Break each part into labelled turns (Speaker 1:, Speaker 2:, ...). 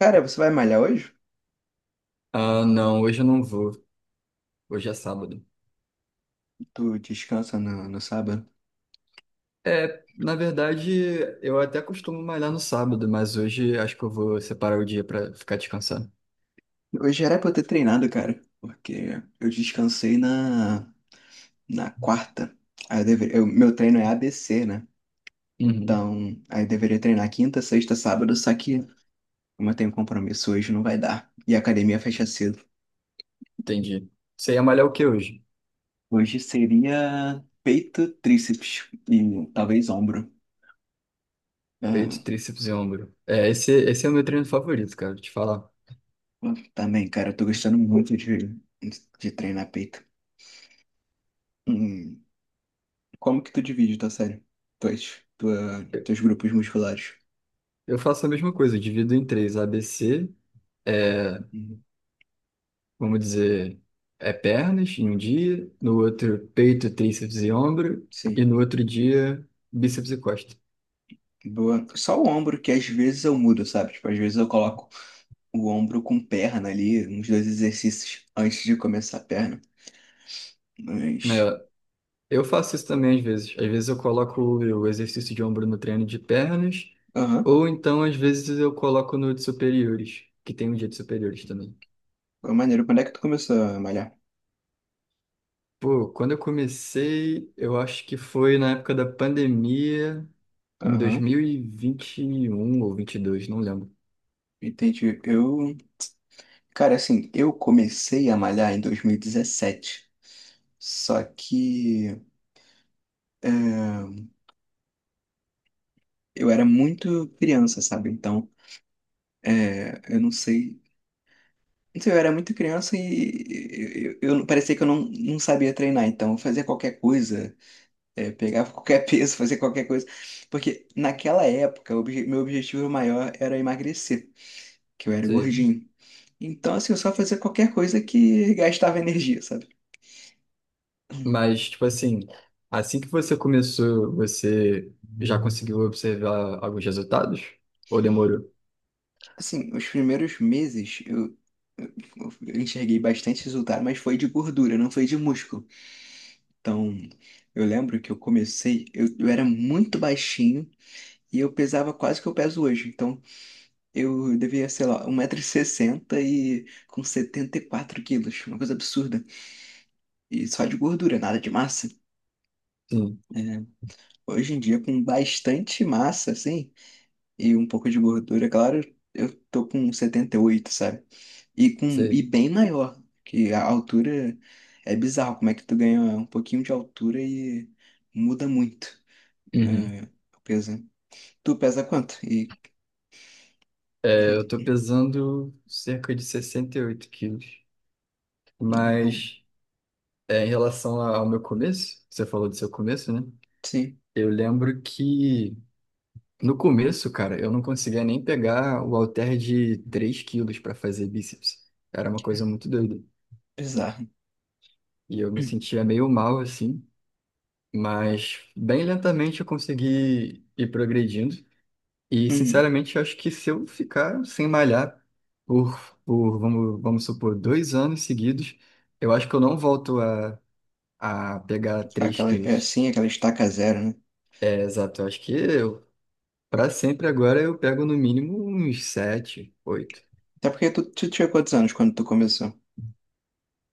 Speaker 1: Cara, você vai malhar hoje?
Speaker 2: Ah, não, hoje eu não vou. Hoje é sábado.
Speaker 1: Tu descansa no sábado?
Speaker 2: É, na verdade, eu até costumo malhar no sábado, mas hoje acho que eu vou separar o dia pra ficar descansando.
Speaker 1: Hoje era pra eu ter treinado, cara, porque eu descansei na quarta. Aí meu treino é ABC, né?
Speaker 2: Uhum,
Speaker 1: Então, aí eu deveria treinar quinta, sexta, sábado, só que como eu tenho compromisso hoje, não vai dar. E a academia fecha cedo.
Speaker 2: entendi. Você ia malhar o que hoje?
Speaker 1: Hoje seria peito, tríceps e talvez ombro.
Speaker 2: Peito,
Speaker 1: Ah,
Speaker 2: tríceps e ombro. É, esse é o meu treino favorito, cara, te falar.
Speaker 1: também, cara, eu tô gostando muito de treinar peito. Hum. Como que tu divide tua série? Teus grupos musculares.
Speaker 2: Eu faço a mesma coisa, eu divido em três. ABC, é,
Speaker 1: Uhum.
Speaker 2: vamos dizer, é pernas em um dia, no outro peito, tríceps e ombro,
Speaker 1: Sim.
Speaker 2: e no outro dia, bíceps e costa.
Speaker 1: Boa. Só o ombro, que às vezes eu mudo, sabe? Tipo, às vezes eu coloco o ombro com perna ali, uns dois exercícios antes de começar a perna. Mas.
Speaker 2: É, eu faço isso também às vezes. Às vezes eu coloco o exercício de ombro no treino de pernas,
Speaker 1: Aham.
Speaker 2: ou então às vezes eu coloco no de superiores, que tem um dia de superiores também.
Speaker 1: Foi maneiro. Quando é que tu começou a malhar?
Speaker 2: Pô, quando eu comecei, eu acho que foi na época da pandemia, em
Speaker 1: Aham.
Speaker 2: 2021 ou 22, não lembro.
Speaker 1: Entendi. Eu. Cara, assim, eu comecei a malhar em 2017. Só que é, eu era muito criança, sabe? Então. É, eu não sei Não sei, eu era muito criança e parecia que eu não sabia treinar, então eu fazia qualquer coisa, pegava qualquer peso, fazia qualquer coisa. Porque naquela época, meu objetivo maior era emagrecer, que eu era
Speaker 2: Sei.
Speaker 1: gordinho. Então, assim, eu só fazia qualquer coisa que gastava energia, sabe?
Speaker 2: Mas, tipo assim, assim que você começou, você já conseguiu observar alguns resultados? Ou demorou?
Speaker 1: Assim, os primeiros meses eu- eu enxerguei bastante resultado, mas foi de gordura, não foi de músculo. Então, eu lembro que eu comecei, eu era muito baixinho. E eu pesava quase que eu peso hoje. Então, eu devia, sei lá, 1,60 m e com 74 quilos, uma coisa absurda. E só de gordura, nada de massa.
Speaker 2: Sim,
Speaker 1: É, hoje em dia, com bastante massa, assim, e um pouco de gordura, claro, eu tô com 78, sabe? E, e
Speaker 2: sei.
Speaker 1: bem maior, que a altura é bizarro, como é que tu ganha um pouquinho de altura e muda muito.
Speaker 2: Uhum.
Speaker 1: É, o peso. Tu pesa quanto? E...
Speaker 2: Eu tô pesando cerca de 68 quilos. Mas é, em relação ao meu começo, você falou do seu começo, né?
Speaker 1: Sim,
Speaker 2: Eu lembro que no começo, cara, eu não conseguia nem pegar o halter de 3 quilos para fazer bíceps. Era uma coisa muito doida.
Speaker 1: bizarro.
Speaker 2: E eu me sentia meio mal assim. Mas bem lentamente eu consegui ir progredindo. E, sinceramente, eu acho que se eu ficar sem malhar por, por vamos supor, 2 anos seguidos, eu acho que eu não volto a pegar 3
Speaker 1: Aquela, é,
Speaker 2: quilos.
Speaker 1: sim, aquela estaca zero, né?
Speaker 2: É, exato, eu acho que eu, para sempre agora, eu pego no mínimo uns 7, 8.
Speaker 1: Até porque tu tinha quantos anos quando tu começou?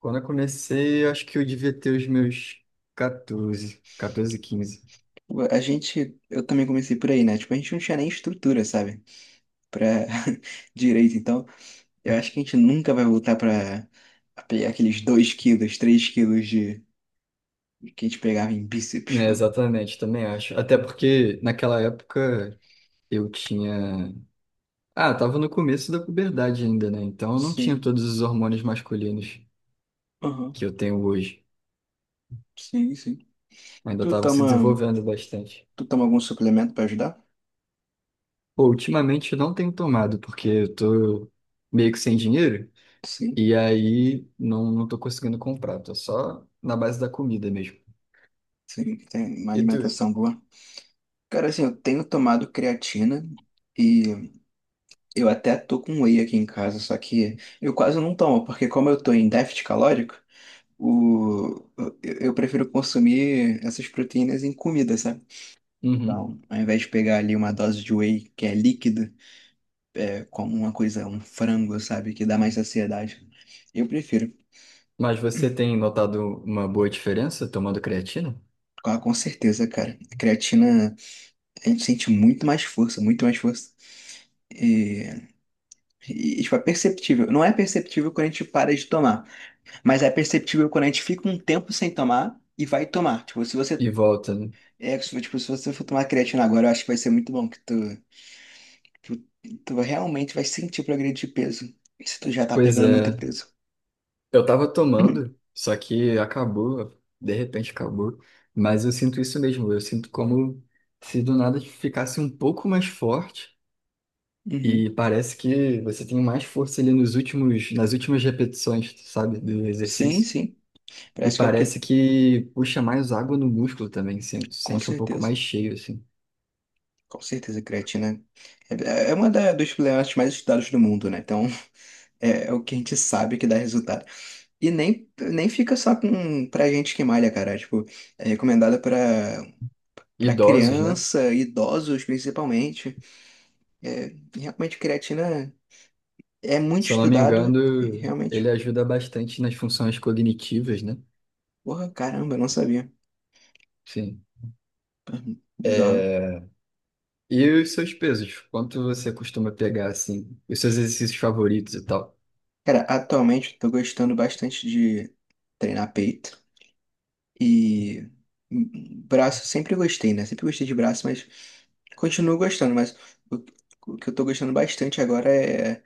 Speaker 2: Quando eu comecei, eu acho que eu devia ter os meus 14, 14 15.
Speaker 1: Tipo, eu também comecei por aí, né? Tipo, a gente não tinha nem estrutura, sabe? Pra direito. Então, eu acho que a gente nunca vai voltar pra a pegar aqueles 2 quilos, 3 quilos de que a gente pegava em bíceps,
Speaker 2: É,
Speaker 1: pô.
Speaker 2: exatamente, também acho. Até porque naquela época eu tinha. Ah, tava no começo da puberdade ainda, né? Então eu não tinha
Speaker 1: Sim,
Speaker 2: todos os hormônios masculinos
Speaker 1: aham.
Speaker 2: que eu tenho hoje.
Speaker 1: Sim, sim.
Speaker 2: Ainda
Speaker 1: Tu
Speaker 2: tava se
Speaker 1: toma,
Speaker 2: desenvolvendo bastante.
Speaker 1: tu toma algum suplemento pra ajudar?
Speaker 2: Pô, ultimamente eu não tenho tomado, porque eu tô meio que sem dinheiro.
Speaker 1: Sim,
Speaker 2: E aí não, não tô conseguindo comprar. Tô só na base da comida mesmo.
Speaker 1: sim, tem uma
Speaker 2: E tu?
Speaker 1: alimentação boa. Cara, assim, eu tenho tomado creatina. E eu até tô com whey aqui em casa, só que eu quase não tomo, porque como eu tô em déficit calórico, o... eu prefiro consumir essas proteínas em comida, sabe?
Speaker 2: Uhum.
Speaker 1: Então, ao invés de pegar ali uma dose de whey, que é líquido, é como uma coisa, um frango, sabe? Que dá mais saciedade. Eu prefiro,
Speaker 2: Mas você tem notado uma boa diferença tomando creatina?
Speaker 1: com certeza, cara. Creatina, a gente sente muito mais força, muito mais força. E, e tipo, é perceptível. Não é perceptível quando a gente para de tomar. Mas é perceptível quando a gente fica um tempo sem tomar e vai tomar. Tipo, se você.
Speaker 2: E volta, né?
Speaker 1: É, tipo, se você for tomar creatina agora, eu acho que vai ser muito bom, que tu, tu realmente vai sentir o progresso de peso. Se tu já tá
Speaker 2: Pois
Speaker 1: pegando muito
Speaker 2: é.
Speaker 1: peso.
Speaker 2: Eu tava tomando, só que acabou, de repente acabou. Mas eu sinto isso mesmo, eu sinto como se do nada ficasse um pouco mais forte
Speaker 1: Uhum.
Speaker 2: e parece que você tem mais força ali nos últimos, nas últimas repetições, sabe, do
Speaker 1: Sim,
Speaker 2: exercício.
Speaker 1: sim.
Speaker 2: E
Speaker 1: Parece que é o
Speaker 2: parece
Speaker 1: que.
Speaker 2: que puxa mais água no músculo também, sinto,
Speaker 1: Com
Speaker 2: sente um pouco
Speaker 1: certeza.
Speaker 2: mais cheio, assim.
Speaker 1: Com certeza, a creatina é, é uma dos suplementos mais estudados do mundo, né? Então, é o que a gente sabe que dá resultado. E nem fica só pra gente que malha, cara. Tipo, é recomendada para
Speaker 2: Idosos, né?
Speaker 1: criança, idosos principalmente. É, realmente, creatina é muito
Speaker 2: Se eu não me engano,
Speaker 1: estudado e realmente,
Speaker 2: ele ajuda bastante nas funções cognitivas, né?
Speaker 1: porra, caramba, eu não sabia.
Speaker 2: Sim.
Speaker 1: Bizarro.
Speaker 2: É, e os seus pesos? Quanto você costuma pegar, assim? Os seus exercícios favoritos e tal?
Speaker 1: Cara, atualmente eu tô gostando bastante de treinar peito e braço, sempre gostei, né? Sempre gostei de braço, mas continuo gostando, mas o o que eu tô gostando bastante agora é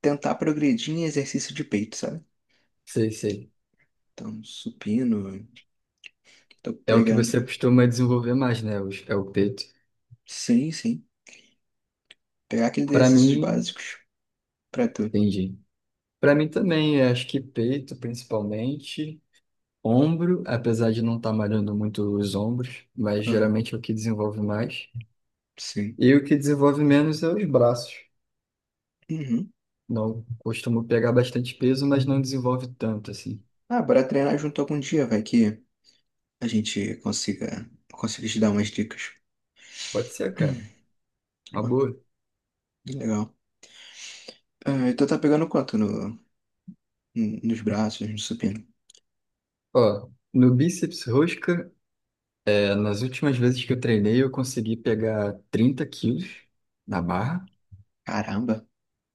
Speaker 1: tentar progredir em exercício de peito, sabe?
Speaker 2: Sei, sei.
Speaker 1: Então, supino, tô
Speaker 2: É o que você
Speaker 1: pegando.
Speaker 2: costuma desenvolver mais, né? É o peito.
Speaker 1: Sim, sim. Pegar aqueles
Speaker 2: Pra
Speaker 1: exercícios
Speaker 2: mim,
Speaker 1: básicos. Pra tu.
Speaker 2: entendi. Pra mim também, eu acho que peito, principalmente. Ombro, apesar de não estar malhando muito os ombros, mas
Speaker 1: Aham.
Speaker 2: geralmente é o que desenvolve mais.
Speaker 1: Sim.
Speaker 2: E o que desenvolve menos é os braços.
Speaker 1: Uhum.
Speaker 2: Não costumo pegar bastante peso, mas não desenvolve tanto, assim.
Speaker 1: Ah, bora treinar junto algum dia, vai que a gente consiga te dar umas dicas.
Speaker 2: Pode ser, cara. Uma
Speaker 1: Pô,
Speaker 2: boa.
Speaker 1: legal. Ah, então tá pegando quanto nos braços, no supino?
Speaker 2: Ó, no bíceps rosca. Nas últimas vezes que eu treinei, eu consegui pegar 30 quilos na barra
Speaker 1: Caramba,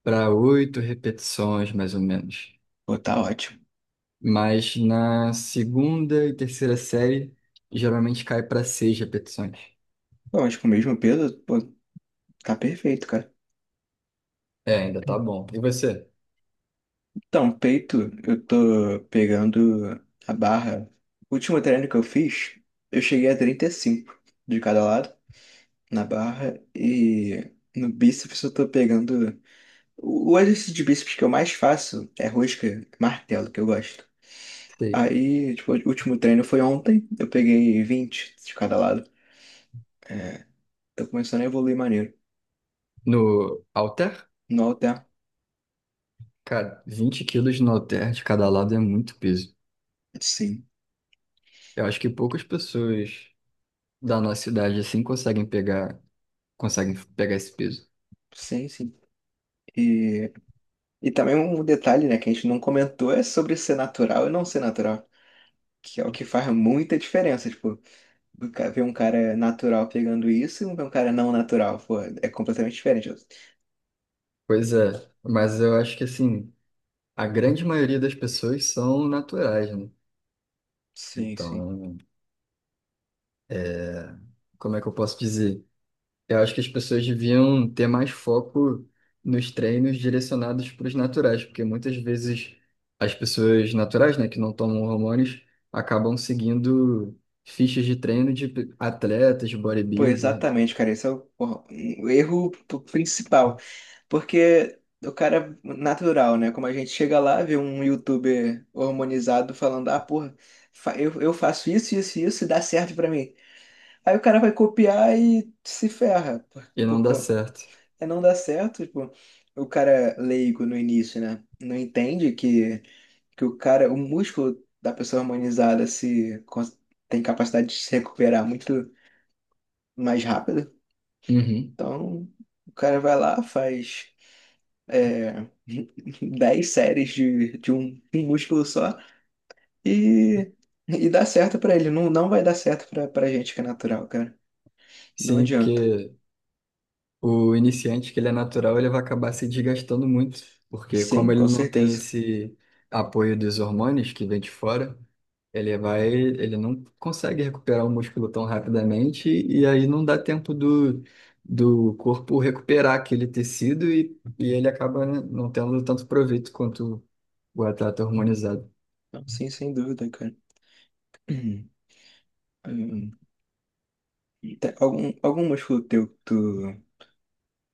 Speaker 2: para oito repetições, mais ou menos.
Speaker 1: pô, tá ótimo.
Speaker 2: Mas na segunda e terceira série, geralmente cai para seis repetições.
Speaker 1: Pô, mas com o mesmo peso, pô, tá perfeito, cara.
Speaker 2: É, ainda tá
Speaker 1: Hum.
Speaker 2: bom. E você?
Speaker 1: Então, peito, eu tô pegando a barra. O último treino que eu fiz, eu cheguei a 35 de cada lado, na barra, e no bíceps eu tô pegando. O exercício de bíceps que eu mais faço é rosca, martelo, que eu gosto.
Speaker 2: Sei.
Speaker 1: Aí, tipo, o último treino foi ontem, eu peguei 20 de cada lado. É, tô começando a evoluir maneiro.
Speaker 2: No halter?
Speaker 1: No alter,
Speaker 2: Cara, 20 quilos no halter de cada lado é muito peso.
Speaker 1: sim,
Speaker 2: Eu acho que poucas pessoas da nossa idade assim conseguem pegar esse peso.
Speaker 1: sim, sim. E, e também um detalhe, né, que a gente não comentou é sobre ser natural e não ser natural, que é o que faz muita diferença, tipo, ver um cara natural pegando isso e ver um cara não natural, pô, é completamente diferente.
Speaker 2: Pois
Speaker 1: Uhum.
Speaker 2: é, mas eu acho que assim. A grande maioria das pessoas são naturais, né?
Speaker 1: Sim, sim.
Speaker 2: Então, como é que eu posso dizer? Eu acho que as pessoas deviam ter mais foco nos treinos direcionados para os naturais, porque muitas vezes as pessoas naturais, né, que não tomam hormônios, acabam seguindo fichas de treino de atletas, de
Speaker 1: Pô,
Speaker 2: bodybuilder,
Speaker 1: exatamente, cara. Esse é o, porra, o erro principal. Porque o cara natural, né? Como a gente chega lá, vê um youtuber hormonizado falando, ah, porra, eu faço isso, isso e isso e dá certo pra mim. Aí o cara vai copiar e se ferra. Por,
Speaker 2: e não
Speaker 1: por,
Speaker 2: dá
Speaker 1: co-
Speaker 2: certo.
Speaker 1: é não dá certo, tipo, o cara leigo no início, né? Não entende que o músculo da pessoa hormonizada se cons- tem capacidade de se recuperar muito mais rápido.
Speaker 2: Uhum.
Speaker 1: Então, o cara vai lá, faz é, 10 séries de um músculo só e, e dá certo pra ele. Não, não vai dar certo pra gente que é natural, cara. Não
Speaker 2: Sim,
Speaker 1: adianta.
Speaker 2: porque o iniciante, que ele é natural, ele vai acabar se desgastando muito, porque
Speaker 1: Sim,
Speaker 2: como ele
Speaker 1: com
Speaker 2: não tem
Speaker 1: certeza.
Speaker 2: esse apoio dos hormônios que vem de fora, ele não consegue recuperar o músculo tão rapidamente e aí não dá tempo do corpo recuperar aquele tecido e ele acaba, né, não tendo tanto proveito quanto o atleta hormonizado.
Speaker 1: Não, sim, sem dúvida, cara. Hum, tem algum músculo teu que tu,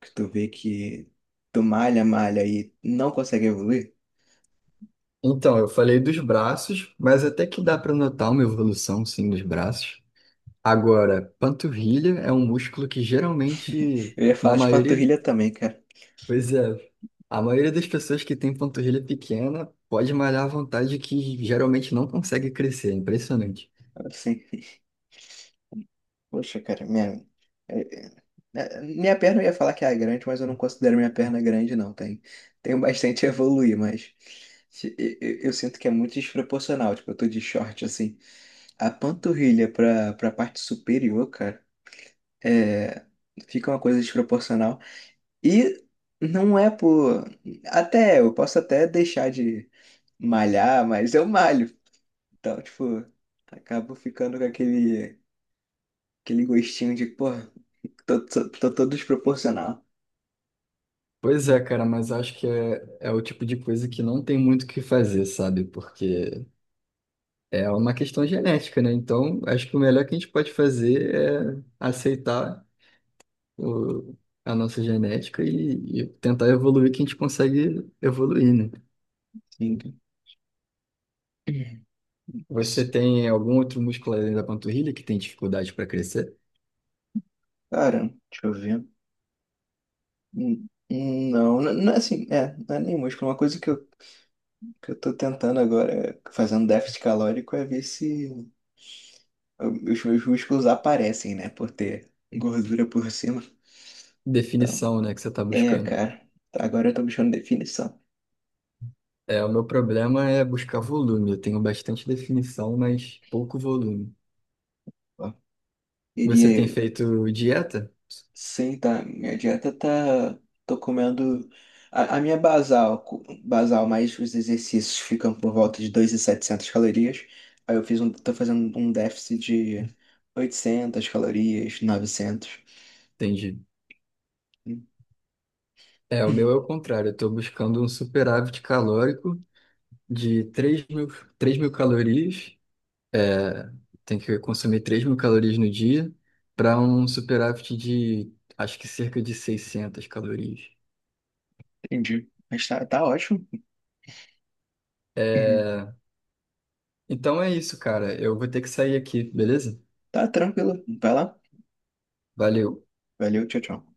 Speaker 1: que tu vê que tu malha e não consegue evoluir?
Speaker 2: Então, eu falei dos braços, mas até que dá para notar uma evolução, sim, dos braços. Agora, panturrilha é um músculo que geralmente,
Speaker 1: Eu ia
Speaker 2: na
Speaker 1: falar de
Speaker 2: maioria,
Speaker 1: panturrilha também, cara.
Speaker 2: pois é, a maioria das pessoas que tem panturrilha pequena pode malhar à vontade que geralmente não consegue crescer, é impressionante.
Speaker 1: Assim. Poxa, cara, é- minha perna eu ia falar que é grande, mas eu não considero minha perna grande, não. Tenho bastante a evoluir, mas eu sinto que é muito desproporcional. Tipo, eu tô de short assim. A panturrilha pra parte superior, cara, é, fica uma coisa desproporcional. E não é por. Até eu posso até deixar de malhar, mas eu malho. Então, tipo, acabo ficando com aquele gostinho de, pô. Tô todo desproporcional.
Speaker 2: Pois é, cara, mas acho que é o tipo de coisa que não tem muito o que fazer, sabe? Porque é uma questão genética, né? Então, acho que o melhor que a gente pode fazer é aceitar o, a nossa genética e tentar evoluir que a gente consegue evoluir, né?
Speaker 1: Sim.
Speaker 2: Você tem algum outro músculo além da panturrilha que tem dificuldade para crescer?
Speaker 1: Cara, deixa eu ver. Não, não, não é assim, não é nem músculo. Uma coisa que eu tô tentando agora, é, fazendo déficit calórico, é ver se os meus músculos aparecem, né? Por ter gordura por cima. Então,
Speaker 2: Definição, né, que você está buscando.
Speaker 1: cara. Agora eu tô buscando definição.
Speaker 2: É, o meu problema é buscar volume. Eu tenho bastante definição, mas pouco volume.
Speaker 1: Ó,
Speaker 2: Você tem
Speaker 1: queria.
Speaker 2: feito dieta?
Speaker 1: Sim, tá. Minha dieta tá. Tô comendo. A minha basal, basal mais os exercícios ficam por volta de 2.700 calorias. Aí tô fazendo um déficit de 800 calorias, 900.
Speaker 2: Entendi. É, o meu é o contrário. Eu estou buscando um superávit calórico de 3.000, 3.000 calorias. Tem que consumir 3.000 calorias no dia para um superávit de, acho que cerca de 600 calorias.
Speaker 1: Entendi. Mas tá, ótimo. Uhum.
Speaker 2: Então é isso, cara. Eu vou ter que sair aqui, beleza?
Speaker 1: Tá tranquilo. Vai lá.
Speaker 2: Valeu.
Speaker 1: Valeu, tchau, tchau.